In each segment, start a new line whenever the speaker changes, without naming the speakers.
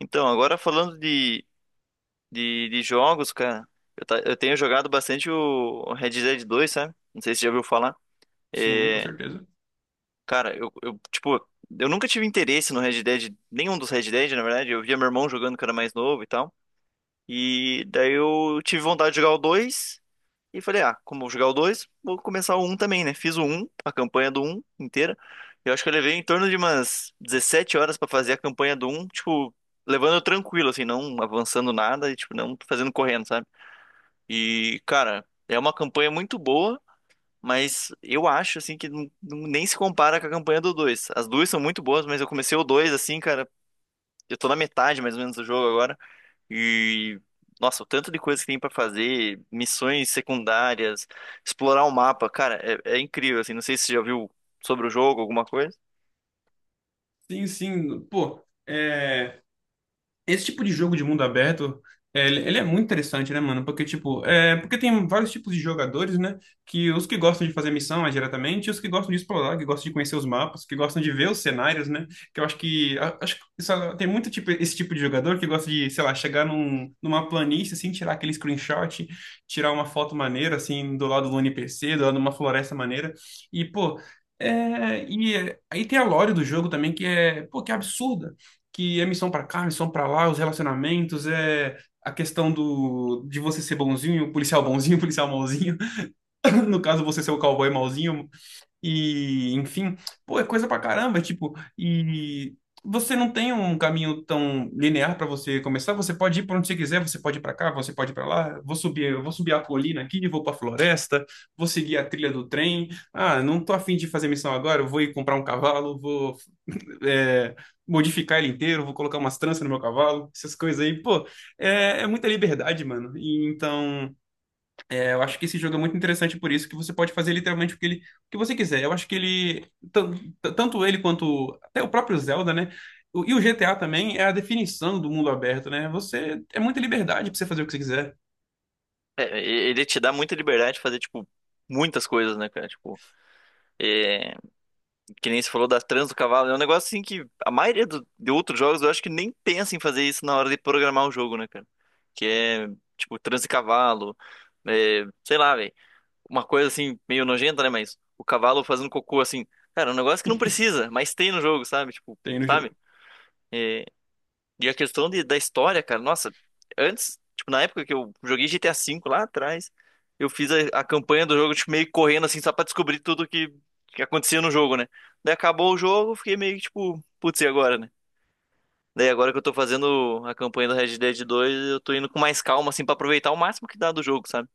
Então, agora falando de jogos, cara, eu tenho jogado bastante o Red Dead dois, sabe? Não sei se você já ouviu falar.
Sim, com
É,
certeza.
cara, tipo, eu nunca tive interesse no Red Dead, nenhum dos Red Dead, na verdade. Eu via meu irmão jogando, que era mais novo e tal. E daí eu tive vontade de jogar o 2 e falei, ah, como eu vou jogar o dois, vou começar o um também, né? Fiz o um, a campanha do um inteira. Eu acho que eu levei em torno de umas 17 horas pra fazer a campanha do um, tipo, levando tranquilo, assim, não avançando nada e, tipo, não fazendo correndo, sabe? E, cara, é uma campanha muito boa, mas eu acho, assim, que nem se compara com a campanha do dois. As duas são muito boas, mas eu comecei o 2 assim, cara, eu tô na metade, mais ou menos, do jogo agora. E, nossa, o tanto de coisa que tem pra fazer, missões secundárias, explorar o mapa, cara, é incrível, assim. Não sei se você já viu sobre o jogo, alguma coisa.
Sim, sim. Pô, é. Esse tipo de jogo de mundo aberto, é, ele é muito interessante, né, mano? Porque, tipo, é, porque tem vários tipos de jogadores, né? Que os que gostam de fazer missão mais diretamente, e os que gostam de explorar, que gostam de conhecer os mapas, que gostam de ver os cenários, né? Que eu acho que, acho que tem muito tipo, esse tipo de jogador que gosta de, sei lá, chegar numa planície, assim, tirar aquele screenshot, tirar uma foto maneira, assim, do lado do NPC, do lado de uma floresta maneira. E, pô, aí tem a lore do jogo também, que é, pô, que é absurda, que é missão pra cá, missão pra lá, os relacionamentos, é a questão do de você ser bonzinho, policial mauzinho. No caso, você ser o cowboy mauzinho, e, enfim, pô, é coisa pra caramba, tipo, e você não tem um caminho tão linear pra você começar, você pode ir pra onde você quiser, você pode ir pra cá, você pode ir pra lá, eu vou subir a colina aqui, vou pra floresta, vou seguir a trilha do trem. Ah, não tô afim de fazer missão agora, eu vou ir comprar um cavalo, vou é, modificar ele inteiro, vou colocar umas tranças no meu cavalo, essas coisas aí, pô, é muita liberdade, mano. E então, eu acho que esse jogo é muito interessante por isso, que você pode fazer literalmente o que, ele, o que você quiser. Eu acho que ele, tan- tanto ele quanto até o próprio Zelda, né? E o GTA também é a definição do mundo aberto, né? Você é muita liberdade pra você fazer o que você quiser.
É, ele te dá muita liberdade de fazer, tipo, muitas coisas, né, cara? Tipo, é, que nem você falou da trans do cavalo, é um negócio assim que a maioria de outros jogos eu acho que nem pensa em fazer isso na hora de programar o jogo, né, cara? Que é, tipo, trans de cavalo, é, sei lá, velho. Uma coisa assim, meio nojenta, né? Mas o cavalo fazendo cocô, assim, cara, é um negócio que não precisa, mas tem no jogo, sabe? Tipo,
Tem no
sabe?
jogo.
É. A questão da história, cara, nossa, antes, tipo, na época que eu joguei GTA V lá atrás, eu fiz a campanha do jogo, tipo, meio correndo, assim, só pra descobrir tudo que acontecia no jogo, né? Daí acabou o jogo, eu fiquei meio que, tipo, putz, e agora, né? Daí agora que eu tô fazendo a campanha do Red Dead 2, eu tô indo com mais calma, assim, pra aproveitar o máximo que dá do jogo, sabe?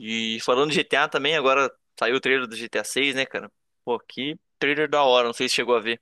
E falando de GTA também, agora saiu o trailer do GTA 6, né, cara? Pô, que trailer da hora! Não sei se chegou a ver.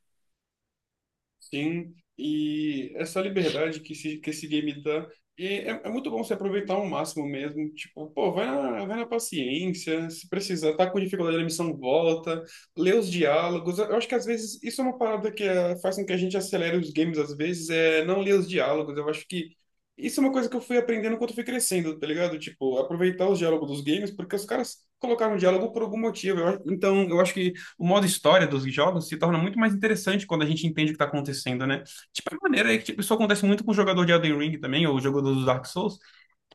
Sim, e essa liberdade que esse game dá, e é, é muito bom você aproveitar ao máximo mesmo. Tipo, pô, vai na paciência, se precisar, tá com dificuldade na missão, volta, lê os diálogos. Eu acho que às vezes isso é uma parada faz com que a gente acelere os games, às vezes, é não ler os diálogos. Eu acho que isso é uma coisa que eu fui aprendendo enquanto eu fui crescendo, tá ligado? Tipo, aproveitar os diálogos dos games, porque os caras colocaram diálogo por algum motivo. Eu acho, então, eu acho que o modo história dos jogos se torna muito mais interessante quando a gente entende o que tá acontecendo, né? Tipo, a maneira é que tipo, isso acontece muito com o jogador de Elden Ring também, ou o jogador dos Dark Souls,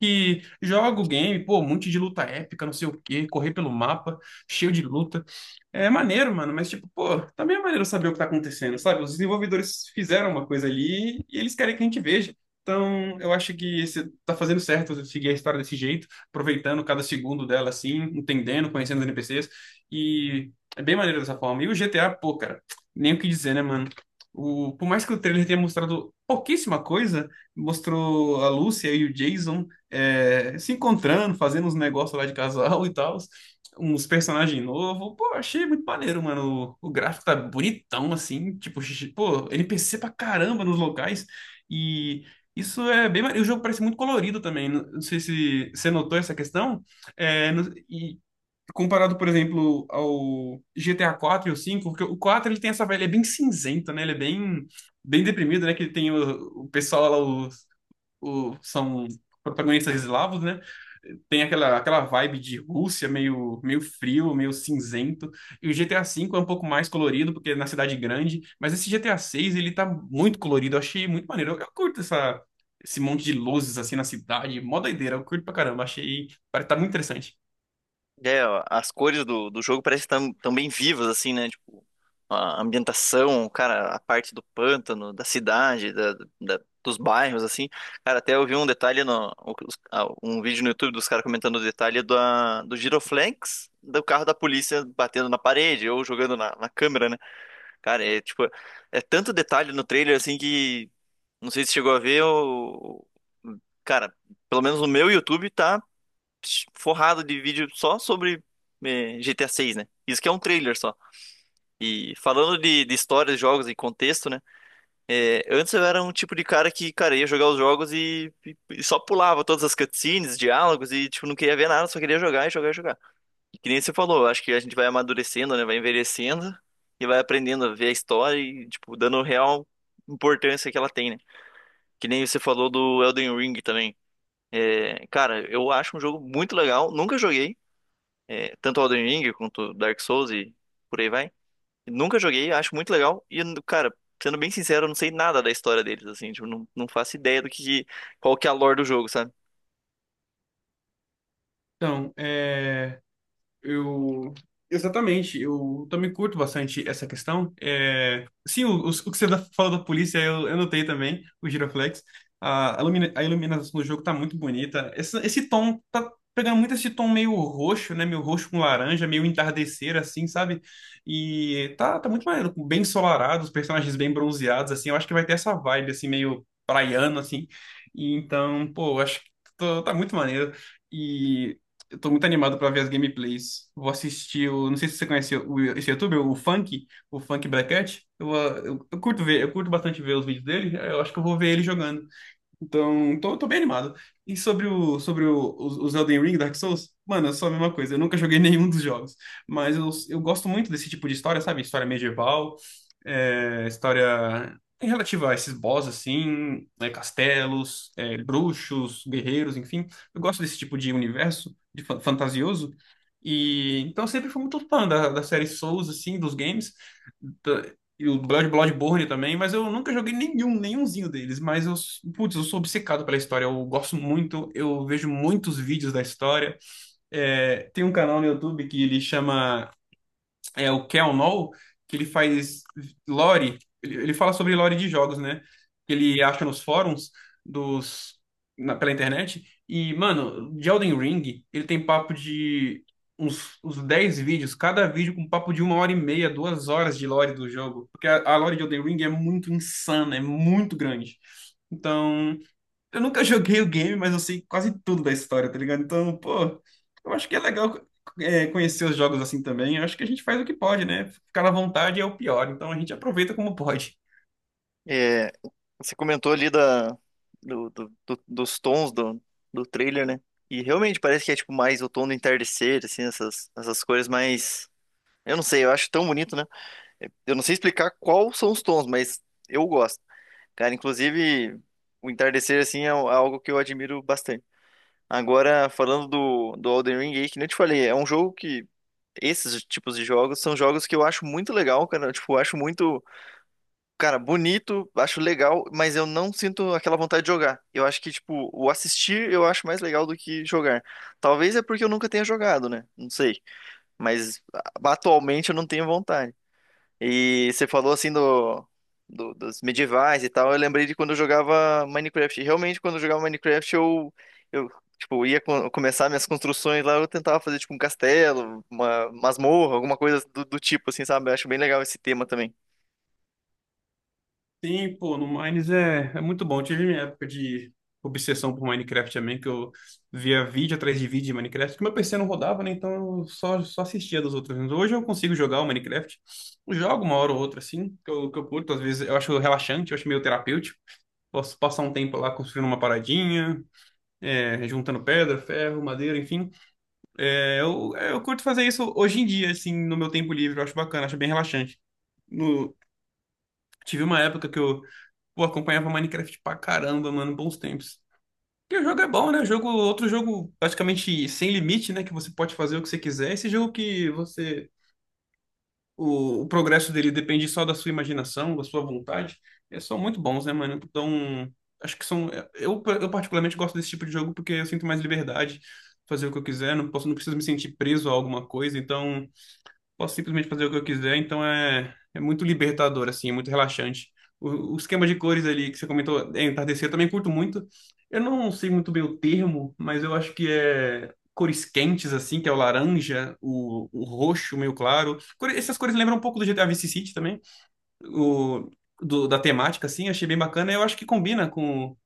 que joga o game, pô, um monte de luta épica, não sei o quê, correr pelo mapa, cheio de luta. É maneiro, mano, mas tipo, pô, também é maneiro saber o que tá acontecendo, sabe? Os desenvolvedores fizeram uma coisa ali e eles querem que a gente veja. Então, eu acho que você tá fazendo certo você seguir a história desse jeito, aproveitando cada segundo dela assim, entendendo, conhecendo os NPCs, e é bem maneiro dessa forma. E o GTA, pô, cara, nem o que dizer, né, mano? O, por mais que o trailer tenha mostrado pouquíssima coisa, mostrou a Lúcia e o Jason se encontrando, fazendo uns negócios lá de casal e tal, uns personagens novos. Pô, achei muito maneiro, mano. O gráfico tá bonitão, assim. Tipo, pô, NPC pra caramba nos locais. E isso é bem maneiro. O jogo parece muito colorido também. Não sei se você notou essa questão. É, e comparado, por exemplo, ao GTA 4 e o 5, porque o 4 ele tem essa vibe, ele é bem cinzento, né? Ele é bem, bem deprimido, né? Que tem o pessoal lá, são protagonistas eslavos, né? Tem aquela, aquela vibe de Rússia, meio, meio frio, meio cinzento. E o GTA V é um pouco mais colorido, porque é na cidade grande. Mas esse GTA VI, ele tá muito colorido. Eu achei muito maneiro. Eu curto esse monte de luzes, assim, na cidade. Mó doideira. Eu curto pra caramba. Achei, parece tá muito interessante.
É, ó, as cores do jogo parecem tão, tão bem vivas, assim, né? Tipo, a ambientação, cara, a parte do pântano, da cidade, dos bairros, assim. Cara, até eu vi um detalhe, no, os- ah, um vídeo no YouTube dos caras comentando o detalhe do Giroflex, do carro da polícia batendo na parede ou jogando na, na câmera, né? Cara, é tipo, é tanto detalhe no trailer, assim, que não sei se chegou a ver, o... Cara, pelo menos o meu YouTube tá forrado de vídeo só sobre GTA 6, né? Isso que é um trailer só. E falando de histórias, jogos e contexto, né? Eh, antes eu era um tipo de cara que, cara, ia jogar os jogos e, e só pulava todas as cutscenes, diálogos e, tipo, não queria ver nada, só queria jogar e jogar e jogar. E que nem você falou, acho que a gente vai amadurecendo, né? Vai envelhecendo e vai aprendendo a ver a história e, tipo, dando real importância que ela tem, né? Que nem você falou do Elden Ring também. É, cara, eu acho um jogo muito legal. Nunca joguei, tanto Elden Ring quanto Dark Souls e por aí vai. Nunca joguei, acho muito legal. E, cara, sendo bem sincero, eu não sei nada da história deles, assim. Tipo, não, não faço ideia do que, qual que é a lore do jogo, sabe?
Então, é... eu. Exatamente, eu também curto bastante essa questão. É, sim, o que você falou da polícia, eu notei também, o Giroflex. A iluminação do jogo tá muito bonita. Esse tom, tá pegando muito esse tom meio roxo, né? Meio roxo com laranja, meio entardecer, assim, sabe? E tá muito maneiro, bem ensolarado, os personagens bem bronzeados, assim. Eu acho que vai ter essa vibe, assim, meio praiano, assim. E então, pô, eu acho que tá muito maneiro. E eu tô muito animado pra ver as gameplays. Vou assistir. O. Não sei se você conhece, esse youtuber, o Funk Bracket. Eu curto ver, eu curto bastante ver os vídeos dele. Eu acho que eu vou ver ele jogando. Então, tô bem animado. E sobre os Elden Ring, Dark Souls? Mano, é só a mesma coisa. Eu nunca joguei nenhum dos jogos. Mas eu gosto muito desse tipo de história, sabe? História medieval, é, história relativa a esses boss, assim, né? Castelos, é, bruxos, guerreiros, enfim. Eu gosto desse tipo de universo, de fantasioso. E então eu sempre fui muito fã da série Souls, assim, dos games. E o Bloodborne também, mas eu nunca joguei nenhum, nenhumzinho deles. Mas putz, eu sou obcecado pela história. Eu gosto muito, eu vejo muitos vídeos da história. É, tem um canal no YouTube que ele chama, é o Kel Noll, que ele faz lore, ele fala sobre lore de jogos, né? Que ele acha nos fóruns dos pela internet. E, mano, de Elden Ring, ele tem papo de uns 10 vídeos, cada vídeo com papo de 1 hora e meia, 2 horas de lore do jogo. Porque a lore de Elden Ring é muito insana, é muito grande. Então, eu nunca joguei o game, mas eu sei quase tudo da história, tá ligado? Então, pô, eu acho que é legal, é, conhecer os jogos assim também. Eu acho que a gente faz o que pode, né? Ficar à vontade é o pior, então a gente aproveita como pode.
É, você comentou ali da, dos tons do trailer, né? E realmente parece que é, tipo, mais o tom do entardecer, assim, essas cores mais... Eu não sei, eu acho tão bonito, né? Eu não sei explicar quais são os tons, mas eu gosto. Cara, inclusive, o entardecer, assim, é um, é algo que eu admiro bastante. Agora, falando do Elden Ring aí, que nem eu te falei, é um jogo que... Esses tipos de jogos são jogos que eu acho muito legal, cara. Tipo, eu tipo, acho muito, cara, bonito, acho legal, mas eu não sinto aquela vontade de jogar. Eu acho que, tipo, o assistir eu acho mais legal do que jogar. Talvez é porque eu nunca tenha jogado, né? Não sei. Mas atualmente eu não tenho vontade. E você falou assim do, dos medievais e tal. Eu lembrei de quando eu jogava Minecraft. E realmente, quando eu jogava Minecraft, eu, eu tipo, ia começar minhas construções lá. Eu tentava fazer tipo um castelo, uma masmorra, alguma coisa do tipo, assim, sabe? Eu acho bem legal esse tema também.
Sim, pô, no Mines é, é muito bom. Tive minha época de obsessão por Minecraft também, que eu via vídeo atrás de vídeo de Minecraft, que meu PC não rodava, né? Então eu só assistia dos outros. Hoje eu consigo jogar o Minecraft. Eu jogo uma hora ou outra, assim, que eu curto. Às vezes eu acho relaxante, eu acho meio terapêutico. Posso passar um tempo lá construindo uma paradinha, é, juntando pedra, ferro, madeira, enfim. Eu curto fazer isso hoje em dia, assim, no meu tempo livre. Eu acho bacana, acho bem relaxante. No- Tive uma época que pô, acompanhava Minecraft pra caramba, mano, bons tempos. Porque o jogo é bom, né? O jogo, outro jogo praticamente sem limite, né? Que você pode fazer o que você quiser. Esse jogo que o progresso dele depende só da sua imaginação, da sua vontade. É, são muito bons, né, mano? Então, acho que são. Eu particularmente gosto desse tipo de jogo porque eu sinto mais liberdade, fazer o que eu quiser, não posso, não preciso me sentir preso a alguma coisa. Então, posso simplesmente fazer o que eu quiser, então é, é muito libertador, assim, é muito relaxante. O esquema de cores ali que você comentou, é entardecer, eu também curto muito. Eu não sei muito bem o termo, mas eu acho que é cores quentes, assim, que é o laranja, o roxo meio claro. Essas cores lembram um pouco do GTA Vice City também, o, da temática, assim, achei bem bacana. Eu acho que combina com,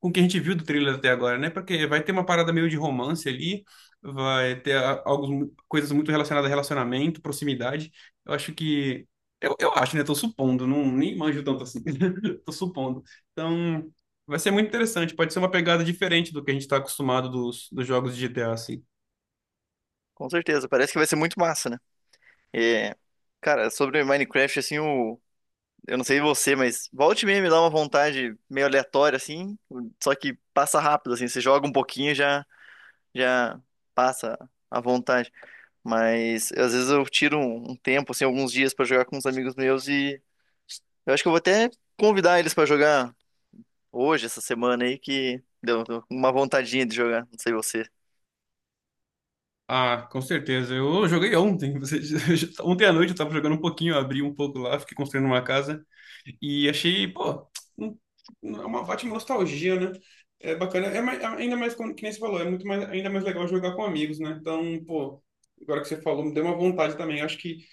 com o que a gente viu do trailer até agora, né? Porque vai ter uma parada meio de romance ali, vai ter algumas coisas muito relacionadas a relacionamento, proximidade. Eu acho que. Eu acho, né? Tô supondo, não, nem manjo tanto assim. Tô supondo. Então, vai ser muito interessante. Pode ser uma pegada diferente do que a gente tá acostumado dos jogos de GTA, assim.
Com certeza. Parece que vai ser muito massa, né? É, cara, sobre Minecraft, assim, eu não sei você, mas volte e meia me dá uma vontade meio aleatória, assim. Só que passa rápido, assim. Você joga um pouquinho e já passa a vontade. Mas às vezes eu tiro um tempo, assim, alguns dias pra jogar com uns amigos meus, e eu acho que eu vou até convidar eles pra jogar hoje, essa semana aí, que deu uma vontadinha de jogar. Não sei você.
Ah, com certeza. Eu joguei ontem. Você. Ontem à noite eu tava jogando um pouquinho, eu abri um pouco lá, fiquei construindo uma casa. E achei, pô, um- é uma ótima nostalgia, né? É bacana. Ainda mais, como, que nem você falou, é muito mais, ainda mais legal jogar com amigos, né? Então, pô, agora que você falou, me deu uma vontade também. Acho que,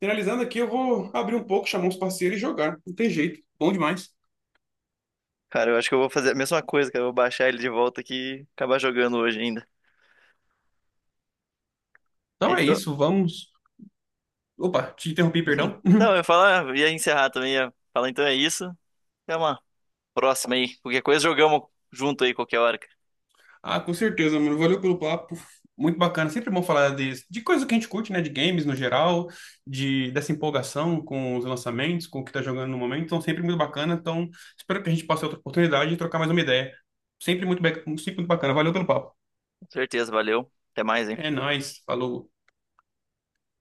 finalizando aqui, eu vou abrir um pouco, chamar uns parceiros e jogar. Não tem jeito. Bom demais.
Cara, eu acho que eu vou fazer a mesma coisa, cara. Eu vou baixar ele de volta aqui e acabar jogando hoje ainda.
Então é
Então.
isso, vamos. Opa, te interrompi, perdão.
Não, eu ia falar, ia encerrar também, ia falar, então é isso. Até uma próxima aí. Qualquer coisa, jogamos junto aí qualquer hora, cara.
Ah, com certeza, mano. Valeu pelo papo. Muito bacana. Sempre bom falar de coisa que a gente curte, né? De games no geral, de dessa empolgação com os lançamentos, com o que tá jogando no momento. Então, sempre muito bacana. Então, espero que a gente possa ter outra oportunidade de trocar mais uma ideia. Sempre muito, sempre muito bacana. Valeu pelo papo.
Com certeza, valeu. Até mais, hein?
É nóis. Falou.